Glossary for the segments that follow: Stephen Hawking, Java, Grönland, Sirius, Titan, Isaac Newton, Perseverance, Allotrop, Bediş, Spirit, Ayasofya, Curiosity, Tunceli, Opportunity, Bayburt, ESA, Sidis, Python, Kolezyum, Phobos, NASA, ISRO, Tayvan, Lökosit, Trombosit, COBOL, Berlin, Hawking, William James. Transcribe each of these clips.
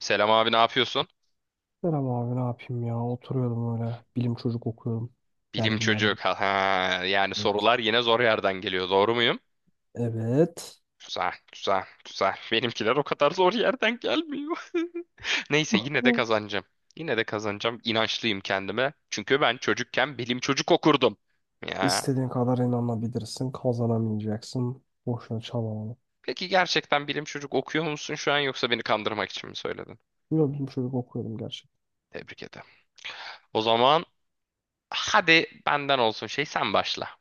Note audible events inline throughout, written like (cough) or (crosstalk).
Selam abi ne yapıyorsun? Selam abi ne yapayım ya oturuyordum öyle bilim çocuk okuyordum Bilim dergi çocuk. mergi. Ha, ha. Yani Evet. sorular yine zor yerden geliyor. Doğru muyum? Evet. Güzel, güzel, güzel. Benimkiler o kadar zor yerden gelmiyor. (laughs) Neyse yine de Hı. kazanacağım. Yine de kazanacağım. İnançlıyım kendime. Çünkü ben çocukken bilim çocuk okurdum. Ya. İstediğin kadar inanabilirsin, kazanamayacaksın, boşuna çabalama. Peki gerçekten bilim çocuk okuyor musun şu an yoksa beni kandırmak için mi söyledin? Yo, bilim çocuk okuyordum gerçekten. Tebrik ederim. O zaman hadi benden olsun şey sen başla.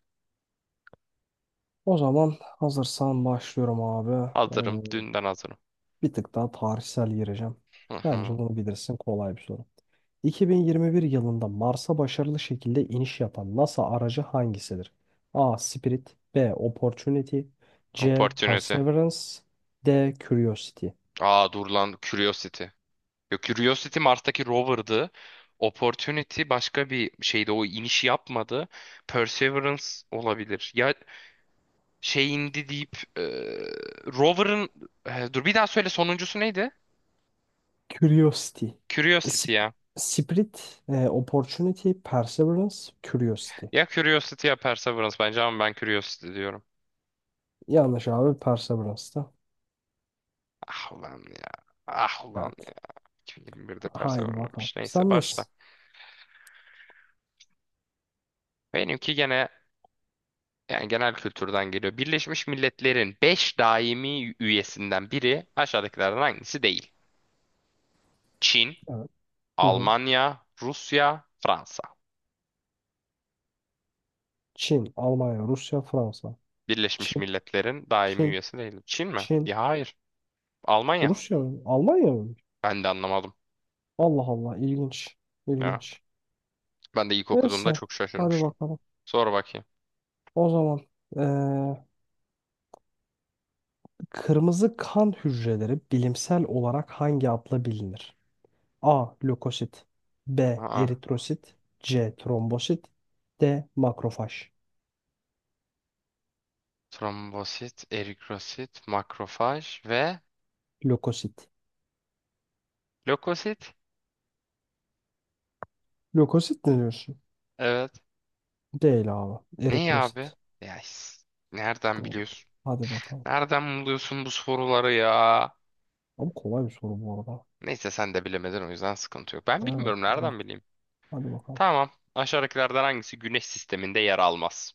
O zaman hazırsan başlıyorum abi. Hazırım. Dünden hazırım. Bir tık daha tarihsel gireceğim. Hı Bence hı. bunu bilirsin, kolay bir soru. 2021 yılında Mars'a başarılı şekilde iniş yapan NASA aracı hangisidir? A. Spirit B. Opportunity C. Opportunity. Perseverance D. Curiosity. Aa dur lan Curiosity. Yok, Curiosity Mars'taki rover'dı. Opportunity başka bir şeydi. O inişi yapmadı. Perseverance olabilir. Ya şey indi deyip rover'ın dur bir daha söyle sonuncusu neydi? Curiosity. Curiosity Sp- ya. Spirit, Opportunity, Perseverance, Curiosity. Ya Curiosity ya Perseverance bence ama ben Curiosity diyorum. Yanlış abi, Perseverance'da. Ah ulan ya. Ah ulan ya. Evet. 2021'de Haydi bakalım. Perseverance'mış. Neyse Sen başla. nesin? Benimki gene yani genel kültürden geliyor. Birleşmiş Milletler'in 5 daimi üyesinden biri aşağıdakilerden hangisi değil? Çin, Evet. Hı hı. Almanya, Rusya, Fransa. Çin, Almanya, Rusya, Fransa. Birleşmiş Çin, Milletler'in daimi Çin, üyesi değil. Çin mi? Çin. Ya hayır. Almanya. Rusya mı? Almanya mı? Ben de anlamadım. Allah Allah, ilginç. Ya. İlginç. Ben de ilk okuduğumda Neyse, çok hadi şaşırmıştım. bakalım. Sor bakayım. O zaman eee, kırmızı kan hücreleri bilimsel olarak hangi adla bilinir? A. Lökosit B. Aa, Eritrosit C. Trombosit D. Makrofaj. trombosit, eritrosit, makrofaj ve Lökosit. lökosit. Lökosit ne diyorsun? Evet. Değil abi. Ne ya abi? Eritrosit. Ya is- nereden Doğru. biliyorsun? Hadi bakalım. Nereden buluyorsun bu soruları ya? Ama kolay bir soru bu arada. Neyse sen de bilemedin o yüzden sıkıntı yok. Ben Evet. bilmiyorum nereden bileyim. Hadi bakalım. Tamam. Aşağıdakilerden hangisi Güneş sisteminde yer almaz?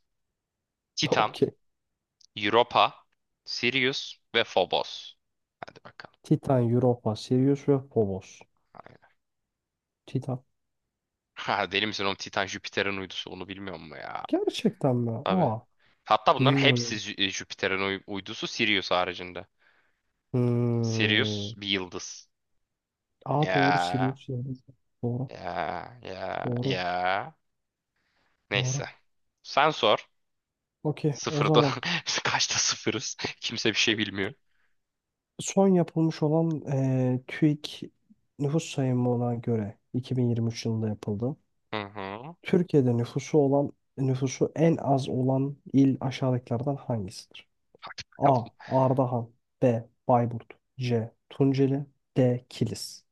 (laughs) Titan, Okey. Europa, Sirius ve Phobos. Hadi bakalım. Titan, Europa, Sirius ve Phobos. Aynen. (laughs) Titan. Ha, deli misin oğlum Titan Jüpiter'in uydusu onu bilmiyor mu ya? Gerçekten mi? Tabii. Aa. Hatta bunların hepsi Bilmiyorum. Jüpiter'in uydusu Sirius haricinde. Sirius Hmm. bir yıldız. Aa doğru, Ya Sirius yani. Doğru. ya ya ya. Doğru. Neyse. Doğru. Sen sor. Okey. O Sıfırda. (laughs) zaman Kaçta sıfırız? Kimse bir şey bilmiyor. son yapılmış olan TÜİK nüfus sayımına göre 2023 yılında yapıldı. Hı hı. Türkiye'de nüfusu en az olan il aşağıdakilerden hangisidir? Bakalım. A. Ardahan B. Bayburt C. Tunceli D. Kilis.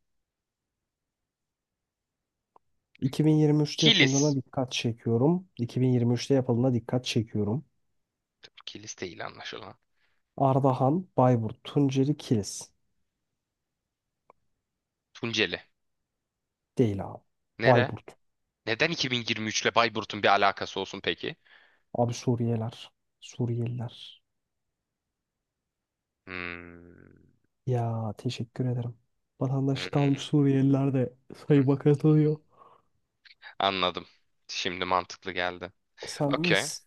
2023'te yapıldığına Kilis. dikkat çekiyorum. 2023'te yapıldığına dikkat çekiyorum. Kilis değil anlaşılan. Ardahan, Bayburt, Tunceli, Kilis. Tunceli. Değil abi. Nere? Bayburt. Neden 2023 ile Bayburt'un bir alakası olsun peki? Abi, Suriyeliler. Suriyeliler. Hmm, Ya, teşekkür ederim. Vatandaşlık (laughs) almış Suriyeliler de hmm, sayıma katılıyor. Anladım. Şimdi mantıklı geldi. Okey. Sendeyiz.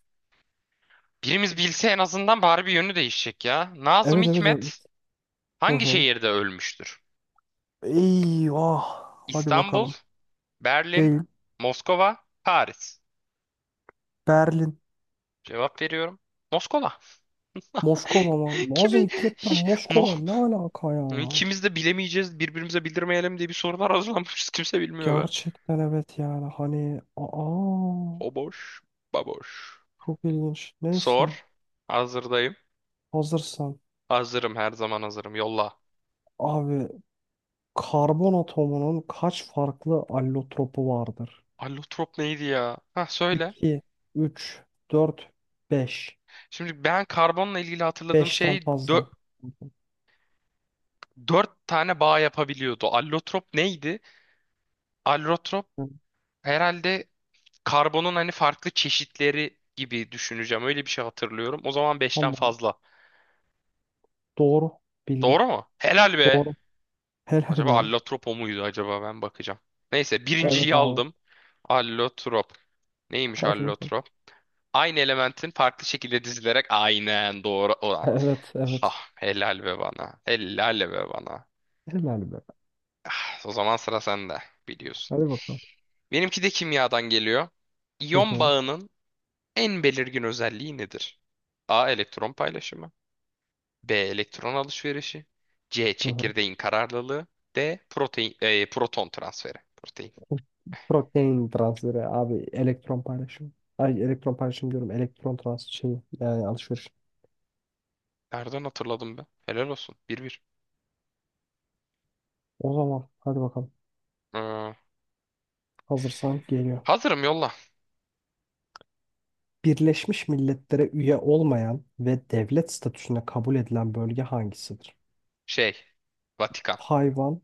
Birimiz bilse en azından bari bir yönü değişecek ya. Nazım Evet, evet, evet. Hikmet Hı hangi hı. şehirde ölmüştür? Eyvah. Hadi İstanbul, bakalım. Berlin, Değil. Moskova, Paris. Berlin. Cevap veriyorum. Moskova. Moskova mı? (laughs) Nazım Kimi? Hikmet'le No. Moskova ne alaka ya? İkimiz de bilemeyeceğiz, birbirimize bildirmeyelim diye bir sorular hazırlanmış. Kimse bilmiyor be. Gerçekten evet, yani hani aa O boş, baboş. çok ilginç. Sor. Neyse, Hazırdayım. hazırsan Hazırım her zaman hazırım. Yolla. abi. Karbon atomunun kaç farklı allotropu vardır? Allotrop neydi ya? Ha söyle. 2, 3, 4, 5, Şimdi ben karbonla ilgili hatırladığım şey beşten dö- fazla. dört tane bağ yapabiliyordu. Allotrop neydi? Allotrop herhalde karbonun hani farklı çeşitleri gibi düşüneceğim. Öyle bir şey hatırlıyorum. O zaman beşten Tamam. fazla. Doğru bildin. Doğru mu? Helal be. Doğru. Helal Acaba be. allotrop o muydu acaba? Ben bakacağım. Neyse Evet birinciyi abi. aldım. Allotrop. Neymiş Hadi bakalım. allotrop? Aynı elementin farklı şekilde dizilerek aynen doğru. Evet, evet. Ah, helal be bana. Helal be bana. Helal be. Ah, o zaman sıra sende biliyorsun. Hadi bakalım. Benimki de kimyadan geliyor. Hı İyon hı, bağının en belirgin özelliği nedir? A. Elektron paylaşımı. B. Elektron alışverişi. C. hı hı. Çekirdeğin kararlılığı. D. Protein, proton transferi. Protein. Protein transferi abi, elektron paylaşımı. Ay, elektron paylaşımı diyorum. Elektron transferi şeyi, yani alışveriş. Nereden hatırladım ben? Helal olsun. Bir bir. O zaman hadi bakalım. Ee, Hazırsan geliyor. hazırım yolla. Birleşmiş Milletler'e üye olmayan ve devlet statüsüne kabul edilen bölge hangisidir? Şey. Vatikan. Tayvan,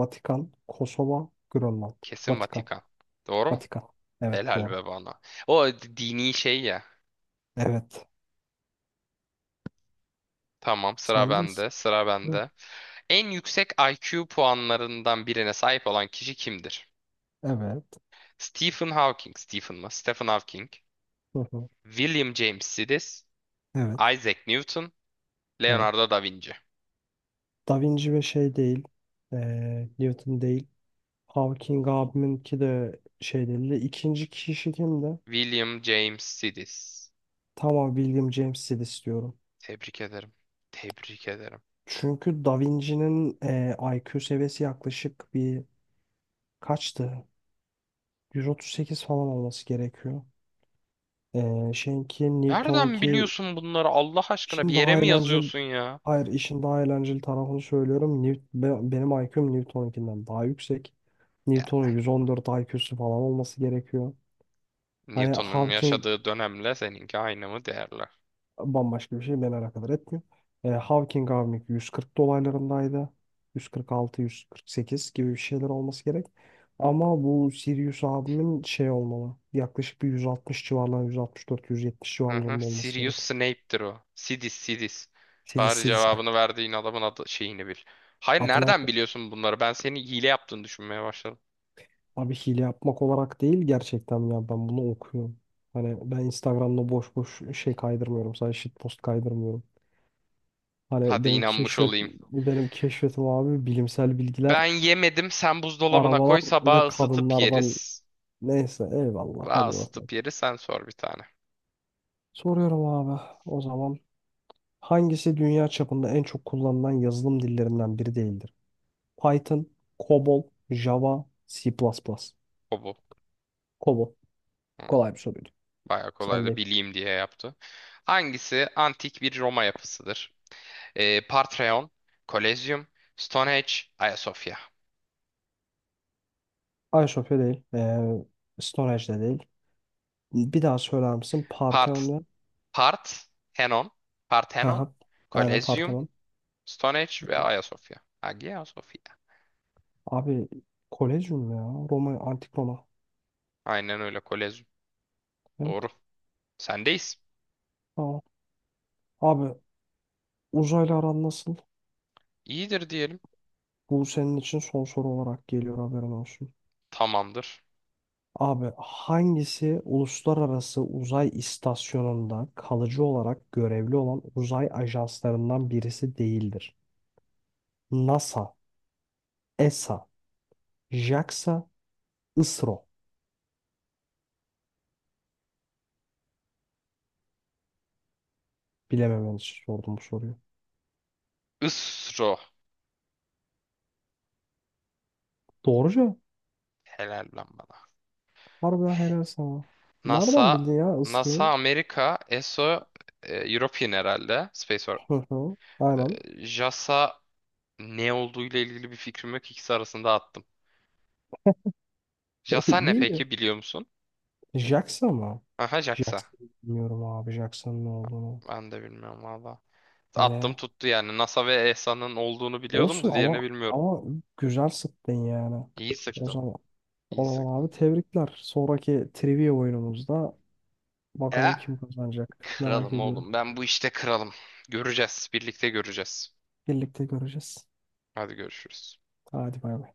Vatikan, Kosova, Grönland. Kesin Vatikan. Vatikan. Doğru mu? Vatikan. Evet, Helal doğru. be bana. O dini şey ya. Evet. Tamam, sıra Sendeyiz. bende, sıra Evet. bende. En yüksek IQ puanlarından birine sahip olan kişi kimdir? Evet. Stephen Hawking, Stephen mı? Stephen Hawking, Hı hı. William James Sidis, Evet. Isaac Newton, Evet. Leonardo da Vinci. Da Vinci ve şey değil. Newton değil. Hawking abiminki de şey değil. De İkinci kişi kimdi? William James Sidis. Tamam, William James istiyorum. Tebrik ederim. Tebrik ederim. Çünkü Da Vinci'nin IQ seviyesi yaklaşık bir kaçtı? 138 falan olması gerekiyor. Şeyinki Nereden Newton'unki biliyorsun bunları Allah aşkına? Bir işin yere daha mi eğlenceli, yazıyorsun ya? hayır, işin daha eğlenceli tarafını söylüyorum. Benim IQ'm Newton'unkinden daha yüksek. Ya Newton'un 114 IQ'su falan olması gerekiyor. Hani Newton'un Hawking yaşadığı dönemle seninki aynı mı değerli? Bambaşka bir şey beni alakadar etmiyor. Hawking Avnik 140 dolaylarındaydı. 146-148 gibi bir şeyler olması gerek. Ama bu Sirius abimin şey olmalı. Yaklaşık bir 160 civarlarında, 164-170 Hı hı. civarlarında olması Sirius gerek. Snape'tir o. Sidis, Sidis. Sidis Bari Sidis'le. cevabını verdiğin adamın adı şeyini bil. Hayır Hatırlamak nereden biliyorsun bunları? Ben senin hile yaptığını düşünmeye başladım. abi, hile yapmak olarak değil, gerçekten ya, ben bunu okuyorum. Hani ben Instagram'da boş boş şey kaydırmıyorum. Sadece shitpost kaydırmıyorum. Hani Hadi inanmış olayım. benim keşfetim abi bilimsel bilgiler. Ben yemedim. Sen buzdolabına koy. Arabalar ve Sabah ısıtıp kadınlardan yeriz. neyse eyvallah, Sabah hadi bakalım. ısıtıp yeriz. Sen sor bir tane. Soruyorum abi, o zaman hangisi dünya çapında en çok kullanılan yazılım dillerinden biri değildir? Python, COBOL, Java, C++. O bu. COBOL. Hı, Kolay bir soruydu. Bayağı Sen kolaydı. değil. Bileyim diye yaptı. Hangisi antik bir Roma yapısıdır? Partreon, Kolezyum, Stonehenge, Ayasofya. iSofya değil. Storage de değil. Bir daha söyler misin? Part Parthenon ve... Parthenon, Parthenon, Aha, aynen Kolezyum, Parthenon. Stone Age ve Ayasofya. Hagia Sophia. Abi, Kolezyum ya. Roma, Antik Roma. Aynen öyle Kolezyum. Doğru. Evet. Sendeyiz. Tamam. Abi, uzaylı aran nasıl? İyidir diyelim. Bu senin için son soru olarak geliyor, haberin olsun. Tamamdır. Abi, hangisi uluslararası uzay istasyonunda kalıcı olarak görevli olan uzay ajanslarından birisi değildir? NASA, ESA, JAXA, ISRO. Bilememen için sordum bu soruyu. ISRO. Doğru cevap. Helal lan bana. Harbiden helal sana. Nereden NASA, bildin ya NASA ISRO'yu? Amerika, ESO European herhalde. Space Or Hı hı. Aynen. JAXA ne olduğuyla ilgili bir fikrim yok. İkisi arasında attım. (laughs) JAXA ne İyi. peki biliyor musun? JAXA mı? Aha JAXA. JAXA bilmiyorum abi. JAXA'nın ne olduğunu. Ben de bilmiyorum valla. Attım Hani tuttu yani. NASA ve ESA'nın olduğunu biliyordum olsun, da diğerini ama bilmiyorum. ama güzel sıktın yani. İyi O sıktım. zaman o İyi zaman sıktım. abi, tebrikler. Sonraki trivia oyunumuzda E, bakalım kim kazanacak. Merak kralım ediyorum. oğlum. Ben bu işte kralım. Göreceğiz. Birlikte göreceğiz. Birlikte göreceğiz. Hadi görüşürüz. Hadi bay bay.